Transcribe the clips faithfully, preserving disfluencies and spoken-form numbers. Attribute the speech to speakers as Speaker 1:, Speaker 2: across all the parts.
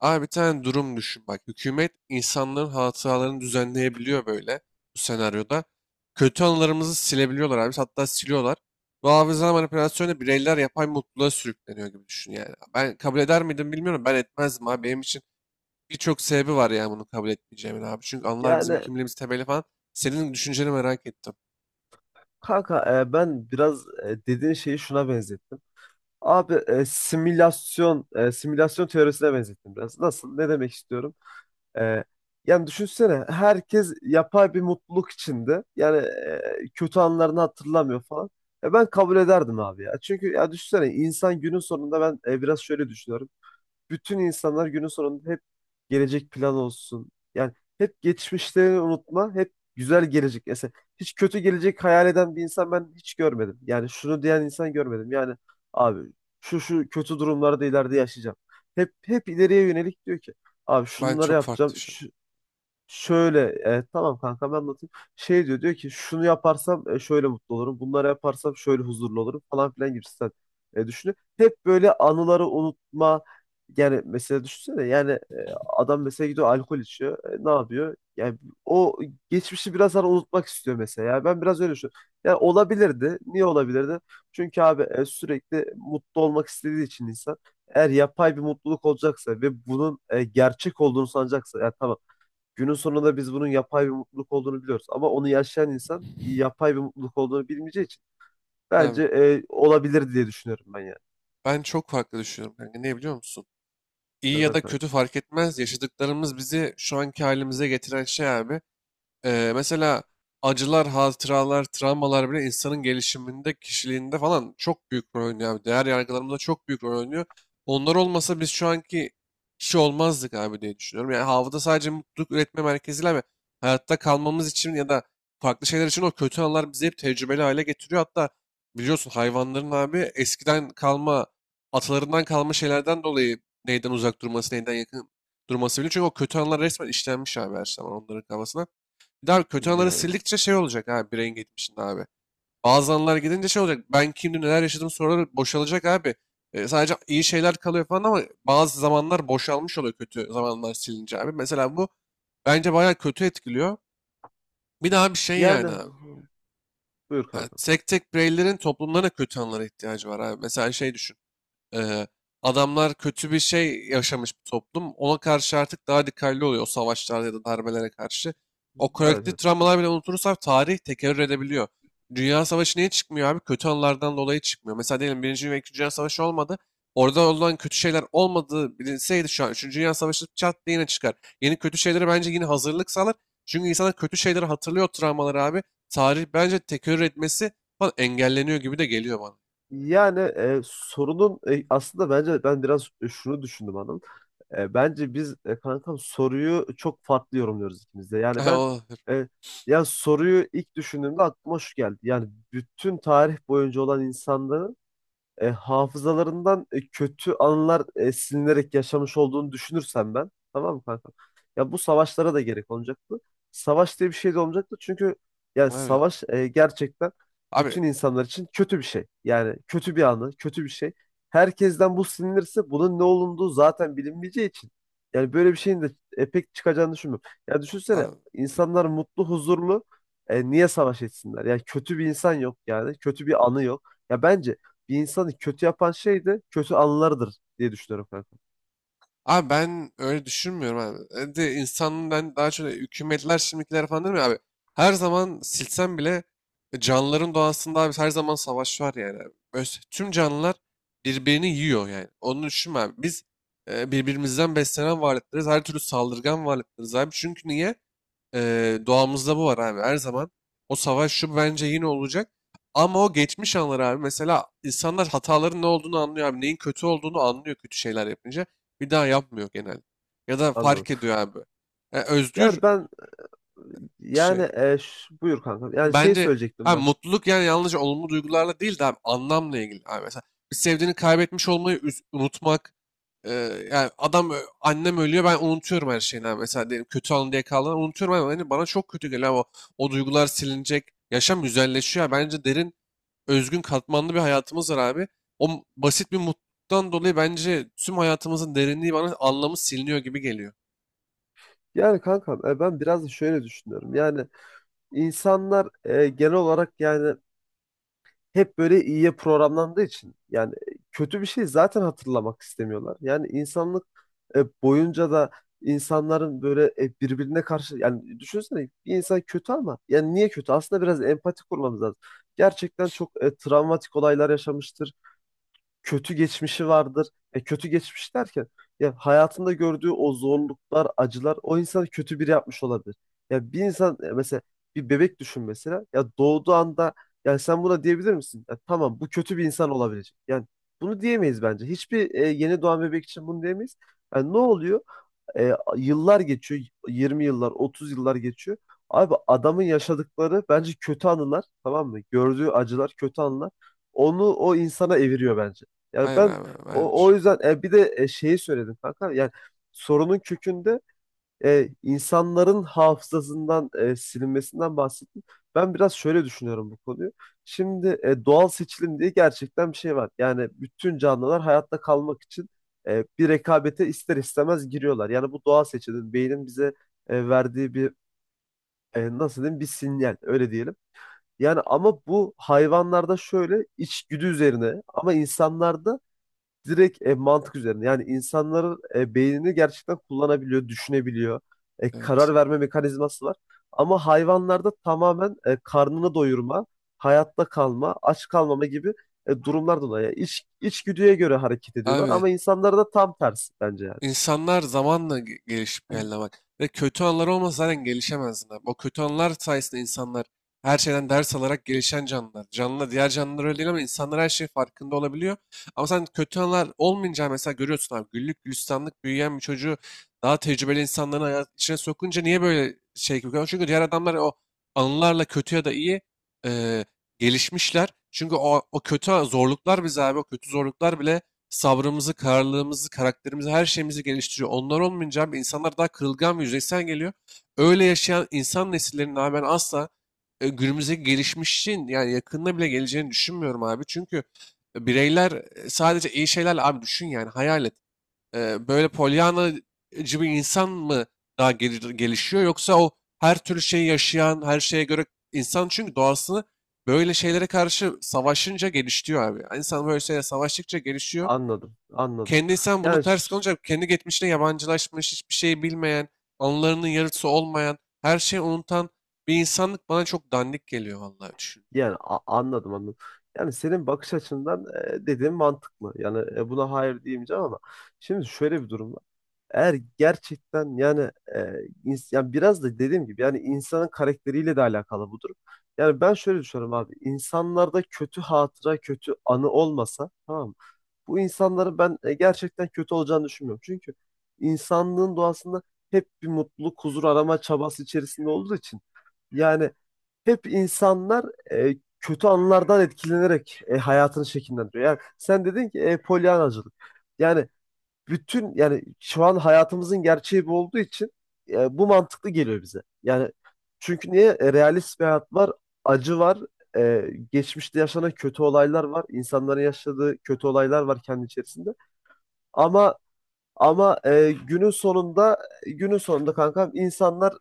Speaker 1: Abi bir tane durum düşün bak. Hükümet insanların hatalarını düzenleyebiliyor böyle bu senaryoda. Kötü anılarımızı silebiliyorlar abi. Hatta siliyorlar. Bu hafıza manipülasyonu bireyler yapay mutluluğa sürükleniyor gibi düşün yani. Ben kabul eder miydim bilmiyorum. Ben etmezdim abi. Benim için birçok sebebi var yani bunu kabul etmeyeceğimin abi. Çünkü anılar bizim
Speaker 2: Yani
Speaker 1: kimliğimiz temeli falan. Senin düşünceni merak ettim.
Speaker 2: kanka, e, ben biraz e, dediğin şeyi şuna benzettim. Abi e, simülasyon e, simülasyon teorisine benzettim biraz. Nasıl? Ne demek istiyorum? E, Yani düşünsene, herkes yapay bir mutluluk içinde. Yani e, kötü anlarını hatırlamıyor falan. E, ben kabul ederdim abi ya. Çünkü ya düşünsene, insan günün sonunda, ben e, biraz şöyle düşünüyorum. Bütün insanlar günün sonunda hep gelecek plan olsun. Yani hep geçmişlerini unutma, hep güzel gelecek. Mesela hiç kötü gelecek hayal eden bir insan ben hiç görmedim. Yani şunu diyen insan görmedim. Yani abi, şu şu kötü durumlarda ileride yaşayacağım. Hep hep ileriye yönelik diyor ki abi
Speaker 1: Ben
Speaker 2: şunları
Speaker 1: çok farklı
Speaker 2: yapacağım.
Speaker 1: düşünüyorum.
Speaker 2: Şu, Şöyle e, tamam kanka, ben anlatayım. Şey diyor diyor ki, şunu yaparsam e, şöyle mutlu olurum. Bunları yaparsam şöyle huzurlu olurum falan filan gibisinden e, düşünüyor. Hep böyle anıları unutma. Yani mesela düşünsene, yani e, adam mesela gidiyor alkol içiyor. E, ne yapıyor? Yani o geçmişi biraz hani unutmak istiyor mesela. Yani ben biraz öyle düşünüyorum. Yani olabilirdi. Niye olabilirdi? Çünkü abi e, sürekli mutlu olmak istediği için insan, eğer yapay bir mutluluk olacaksa ve bunun e, gerçek olduğunu sanacaksa, ya tamam. Günün sonunda biz bunun yapay bir mutluluk olduğunu biliyoruz. Ama onu yaşayan insan yapay bir mutluluk olduğunu bilmeyeceği için
Speaker 1: Abi,
Speaker 2: bence e, olabilir diye düşünüyorum ben yani.
Speaker 1: ben çok farklı düşünüyorum kanka. Ne biliyor musun? İyi ya
Speaker 2: Neden
Speaker 1: da kötü
Speaker 2: kanka?
Speaker 1: fark etmez. Yaşadıklarımız bizi şu anki halimize getiren şey abi. Ee, mesela acılar, hatıralar, travmalar bile insanın gelişiminde, kişiliğinde falan çok büyük rol oynuyor abi. Değer yargılarımızda çok büyük rol oynuyor. Onlar olmasa biz şu anki kişi olmazdık abi diye düşünüyorum. Yani havada sadece mutluluk üretme merkeziyle ve hayatta kalmamız için ya da farklı şeyler için o kötü anlar bizi hep tecrübeli hale getiriyor. Hatta biliyorsun hayvanların abi eskiden kalma, atalarından kalma şeylerden dolayı neyden uzak durması, neyden yakın durması bile. Çünkü o kötü anlar resmen işlenmiş abi her zaman onların kafasına. Bir daha kötü anıları
Speaker 2: Yani,
Speaker 1: sildikçe şey olacak abi bireyin geçmişinde abi. Bazı anılar gidince şey olacak. Ben kimdim neler yaşadım soruları boşalacak abi. E, sadece iyi şeyler kalıyor falan ama bazı zamanlar boşalmış oluyor kötü zamanlar silince abi. Mesela bu bence bayağı kötü etkiliyor. Bir daha bir şey
Speaker 2: yani
Speaker 1: yani abi.
Speaker 2: buyur
Speaker 1: Yani
Speaker 2: kanka.
Speaker 1: tek tek bireylerin toplumlarına kötü anılara ihtiyacı var abi. Mesela şey düşün. Ee, adamlar kötü bir şey yaşamış bir toplum. Ona karşı artık daha dikkatli oluyor o savaşlarda ya da darbelere karşı. O
Speaker 2: Evet,
Speaker 1: kolektif
Speaker 2: evet. Ya.
Speaker 1: travmalar bile unutursak tarih tekerrür edebiliyor. Dünya Savaşı niye çıkmıyor abi? Kötü anılardan dolayı çıkmıyor. Mesela diyelim Birinci ve İkinci Dünya Savaşı olmadı. Orada olan kötü şeyler olmadığı bilinseydi şu an Üçüncü Dünya Savaşı çat diye yine çıkar. Yeni kötü şeylere bence yine hazırlık sağlar. Çünkü insanlar kötü şeyleri hatırlıyor o travmaları abi. Tarih bence tekerrür etmesi falan engelleniyor gibi de geliyor bana.
Speaker 2: Yani e, sorunun e, aslında bence ben biraz e, şunu düşündüm hanım. E, bence biz, e, kankam, soruyu çok farklı yorumluyoruz ikimiz de. Yani ben, e, ya soruyu ilk düşündüğümde aklıma şu geldi. Yani bütün tarih boyunca olan insanların e, hafızalarından e, kötü anılar e, silinerek yaşamış olduğunu düşünürsem ben, tamam mı kanka? Ya bu savaşlara da gerek olmayacaktı. Savaş diye bir şey de olmayacaktı, çünkü yani
Speaker 1: Abi,
Speaker 2: savaş e, gerçekten
Speaker 1: abi
Speaker 2: bütün insanlar için kötü bir şey. Yani kötü bir anı, kötü bir şey. Herkesten bu silinirse bunun ne olunduğu zaten bilinmeyeceği için yani böyle bir şeyin de e, pek çıkacağını düşünmüyorum. Ya düşünsene,
Speaker 1: Abi,
Speaker 2: insanlar mutlu, huzurlu. E, niye savaş etsinler? Yani kötü bir insan yok yani. Kötü bir anı yok. Ya bence bir insanı kötü yapan şey de kötü anılarıdır diye düşünüyorum kanka.
Speaker 1: abi ben öyle düşünmüyorum abi. E De insanın ben daha çok hükümetler şimdikiler falan değil mi abi? Her zaman silsem bile e, canlıların doğasında abi her zaman savaş var yani abi. Öz- Tüm canlılar birbirini yiyor yani. Onu düşünme abi. Biz e, birbirimizden beslenen varlıklarız. Her türlü saldırgan varlıklarız abi. Çünkü niye? Eee, doğamızda bu var abi. Her zaman o savaş şu bence yine olacak. Ama o geçmiş anlar abi. Mesela insanlar hataların ne olduğunu anlıyor abi. Neyin kötü olduğunu anlıyor kötü şeyler yapınca. Bir daha yapmıyor genelde. Ya da
Speaker 2: Anladım.
Speaker 1: fark ediyor abi. E, özgür
Speaker 2: Yani ben, yani
Speaker 1: şey.
Speaker 2: e, ş- buyur kanka. Yani şey
Speaker 1: Bence
Speaker 2: söyleyecektim
Speaker 1: abi
Speaker 2: ben.
Speaker 1: mutluluk yani yalnızca olumlu duygularla değil de abi anlamla ilgili. Abi mesela bir sevdiğini kaybetmiş olmayı üz- unutmak. Eee, yani adam ö- annem ölüyor ben unutuyorum her şeyini abi. Mesela diyelim kötü anı diye kaldığını unutuyorum ama hani bana çok kötü geliyor abi. o, o duygular silinecek. Yaşam güzelleşiyor, abi. Bence derin, özgün, katmanlı bir hayatımız var abi. O m- basit bir mutluluktan dolayı bence tüm hayatımızın derinliği bana anlamı siliniyor gibi geliyor.
Speaker 2: Yani kanka, e, ben biraz da şöyle düşünüyorum. Yani insanlar e, genel olarak yani hep böyle iyiye programlandığı için yani e, kötü bir şey zaten hatırlamak istemiyorlar. Yani insanlık e, boyunca da insanların böyle e, birbirine karşı, yani düşünsene, bir insan kötü ama yani niye kötü? Aslında biraz empati kurmamız lazım. Gerçekten çok e, travmatik olaylar yaşamıştır, kötü geçmişi vardır. E, kötü geçmiş derken, ya hayatında gördüğü o zorluklar, acılar o insanı kötü biri yapmış olabilir. Ya bir insan, e, mesela bir bebek düşün mesela. Ya doğduğu anda yani sen buna diyebilir misin? Ya tamam, bu kötü bir insan olabilecek. Yani bunu diyemeyiz bence. Hiçbir e, yeni doğan bebek için bunu diyemeyiz. Yani ne oluyor? E, Yıllar geçiyor. yirmi yıllar, otuz yıllar geçiyor. Abi adamın yaşadıkları bence kötü anılar, tamam mı? Gördüğü acılar, kötü anılar. Onu o insana eviriyor bence. Yani
Speaker 1: Hayır
Speaker 2: ben
Speaker 1: abi ben
Speaker 2: o, o yüzden
Speaker 1: düşünmüyorum.
Speaker 2: e, bir de e, şeyi söyledim kanka. Yani sorunun kökünde e, insanların hafızasından e, silinmesinden bahsettim. Ben biraz şöyle düşünüyorum bu konuyu. Şimdi e, doğal seçilim diye gerçekten bir şey var. Yani bütün canlılar hayatta kalmak için e, bir rekabete ister istemez giriyorlar. Yani bu doğal seçilim beynin bize e, verdiği bir, e, nasıl diyeyim, bir sinyal öyle diyelim. Yani ama bu hayvanlarda şöyle içgüdü üzerine, ama insanlarda direkt e, mantık üzerine. Yani insanların e, beynini gerçekten kullanabiliyor, düşünebiliyor. E,
Speaker 1: Evet.
Speaker 2: karar verme mekanizması var. Ama hayvanlarda tamamen e, karnını doyurma, hayatta kalma, aç kalmama gibi e, durumlar dolayı. Yani İç, içgüdüye göre hareket ediyorlar,
Speaker 1: Abi
Speaker 2: ama insanlarda tam tersi bence yani.
Speaker 1: İnsanlar zamanla ge- gelişip geldi bak. Ve kötü anlar olmasa zaten gelişemezdin abi. O kötü anlar sayesinde insanlar her şeyden ders alarak gelişen canlılar. Canlı diğer canlılar öyle değil ama insanlar her şeyin farkında olabiliyor. Ama sen kötü anlar olmayınca mesela görüyorsun abi güllük gülistanlık büyüyen bir çocuğu daha tecrübeli insanların hayat içine sokunca niye böyle şey gibi görüyorsun? Çünkü diğer adamlar o anılarla kötü ya da iyi eee, gelişmişler. Çünkü o, o kötü zorluklar bize abi o kötü zorluklar bile sabrımızı, kararlılığımızı, karakterimizi, her şeyimizi geliştiriyor. Onlar olmayınca abi insanlar daha kırılgan ve yüzeysel geliyor. Öyle yaşayan insan nesillerinin abi ben asla e, günümüzdeki gelişmişin yani yakında bile geleceğini düşünmüyorum abi. Çünkü bireyler e, sadece iyi şeylerle abi düşün yani hayal et. E, Böyle polyanacı bir insan mı daha gel- gelişiyor yoksa o her türlü şeyi yaşayan, her şeye göre insan çünkü doğasını böyle şeylere karşı savaşınca gelişiyor abi. İnsan böyle şeylere savaştıkça gelişiyor.
Speaker 2: Anladım, anladım.
Speaker 1: Kendi insan bunu
Speaker 2: Yani
Speaker 1: ters
Speaker 2: ş-
Speaker 1: kalınca kendi geçmişine yabancılaşmış, hiçbir şey bilmeyen, anılarının yarısı olmayan, her şeyi unutan bir insanlık bana çok dandik geliyor vallahi düşünce.
Speaker 2: yani a- Anladım, anladım. Yani senin bakış açından e, dediğin mantıklı. Yani, e, buna hayır diyemeyeceğim, ama şimdi şöyle bir durum var. Eğer gerçekten yani, e, ins- yani biraz da dediğim gibi yani insanın karakteriyle de alakalı bu durum. Yani ben şöyle düşünüyorum abi. İnsanlarda kötü hatıra, kötü anı olmasa, tamam mı? Bu insanların ben e, gerçekten kötü olacağını düşünmüyorum. Çünkü insanlığın doğasında hep bir mutluluk, huzur arama çabası içerisinde olduğu için yani hep insanlar e, kötü anlardan etkilenerek e, hayatını şekillendiriyor. Yani sen dedin ki e, polyanacılık. Yani bütün, yani şu an hayatımızın gerçeği bu olduğu için e, bu mantıklı geliyor bize. Yani çünkü niye? E, realist bir hayat var, acı var, e, geçmişte yaşanan kötü olaylar var, insanların yaşadığı kötü olaylar var kendi içerisinde. Ama ama e, günün sonunda günün sonunda kankam, insanlar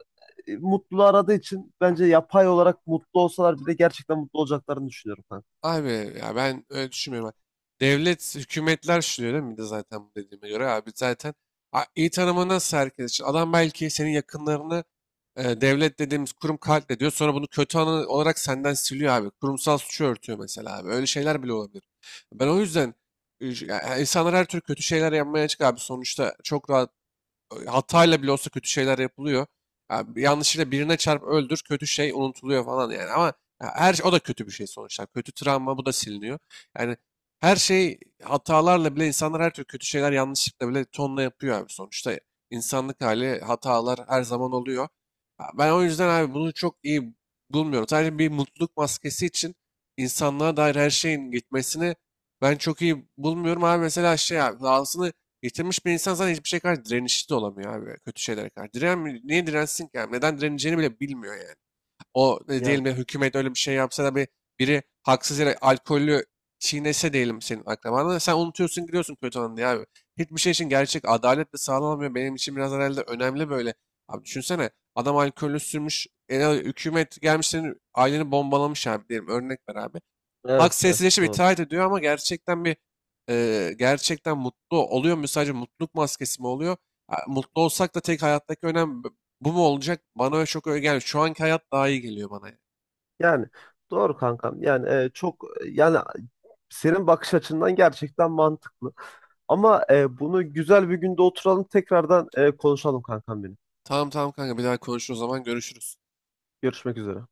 Speaker 2: e, mutluluğu aradığı için bence yapay olarak mutlu olsalar bile gerçekten mutlu olacaklarını düşünüyorum kanka.
Speaker 1: Abi ya ben öyle düşünmüyorum. Devlet, hükümetler şu diyor değil mi? Bir de zaten bu dediğime göre abi zaten a- iyi tanımı nasıl herkes için? Adam belki senin yakınlarını. E, devlet dediğimiz kurum katle diyor. Sonra bunu kötü anı olarak senden siliyor abi. Kurumsal suçu örtüyor mesela abi. Öyle şeyler bile olabilir. Ben o yüzden e, ya insanlar her türlü kötü şeyler yapmaya açık abi. Sonuçta çok rahat e, hatayla bile olsa kötü şeyler yapılıyor. Ya bir yanlışıyla birine çarp öldür kötü şey unutuluyor falan yani ama ya her şey, o da kötü bir şey sonuçta. Kötü travma bu da siliniyor. Yani her şey hatalarla bile insanlar her türlü kötü şeyler yanlışlıkla bile tonla yapıyor abi sonuçta. İnsanlık hali hatalar her zaman oluyor. Ya ben o yüzden abi bunu çok iyi bulmuyorum. Sadece bir mutluluk maskesi için insanlığa dair her şeyin gitmesini ben çok iyi bulmuyorum abi. Mesela şey abi, dahasını yitirmiş bir insan zaten hiçbir şey karşı direnişli de olamıyor abi. Kötü şeylere karşı. Diren, niye dirensin ki abi? Neden direneceğini bile bilmiyor yani. O ne
Speaker 2: Yani,
Speaker 1: diyelim ya hükümet öyle bir şey yapsa da bir biri haksız yere alkollü çiğnese diyelim senin akrabanı. Sen unutuyorsun gidiyorsun kötü anı diye abi. Hiçbir şey için gerçek adalet de sağlanamıyor. Benim için biraz herhalde önemli böyle. Abi düşünsene adam alkollü sürmüş. E, hükümet gelmiş senin aileni bombalamış abi diyelim. Örnek ver abi. Halk
Speaker 2: evet, evet,
Speaker 1: sessizleşip
Speaker 2: doğru.
Speaker 1: itaat ediyor ama gerçekten bir e, gerçekten mutlu oluyor mu? Sadece mutluluk maskesi mi oluyor? Ha, mutlu olsak da tek hayattaki önem b- bu mu olacak? Bana öyle çok öyle gelmiyor. Şu anki hayat daha iyi geliyor bana, yani.
Speaker 2: Yani doğru kankam. Yani e, çok, yani senin bakış açından gerçekten mantıklı. Ama e, bunu güzel bir günde oturalım, tekrardan e, konuşalım kankam benim.
Speaker 1: Tamam, tamam kanka bir daha konuşuruz o zaman görüşürüz.
Speaker 2: Görüşmek üzere.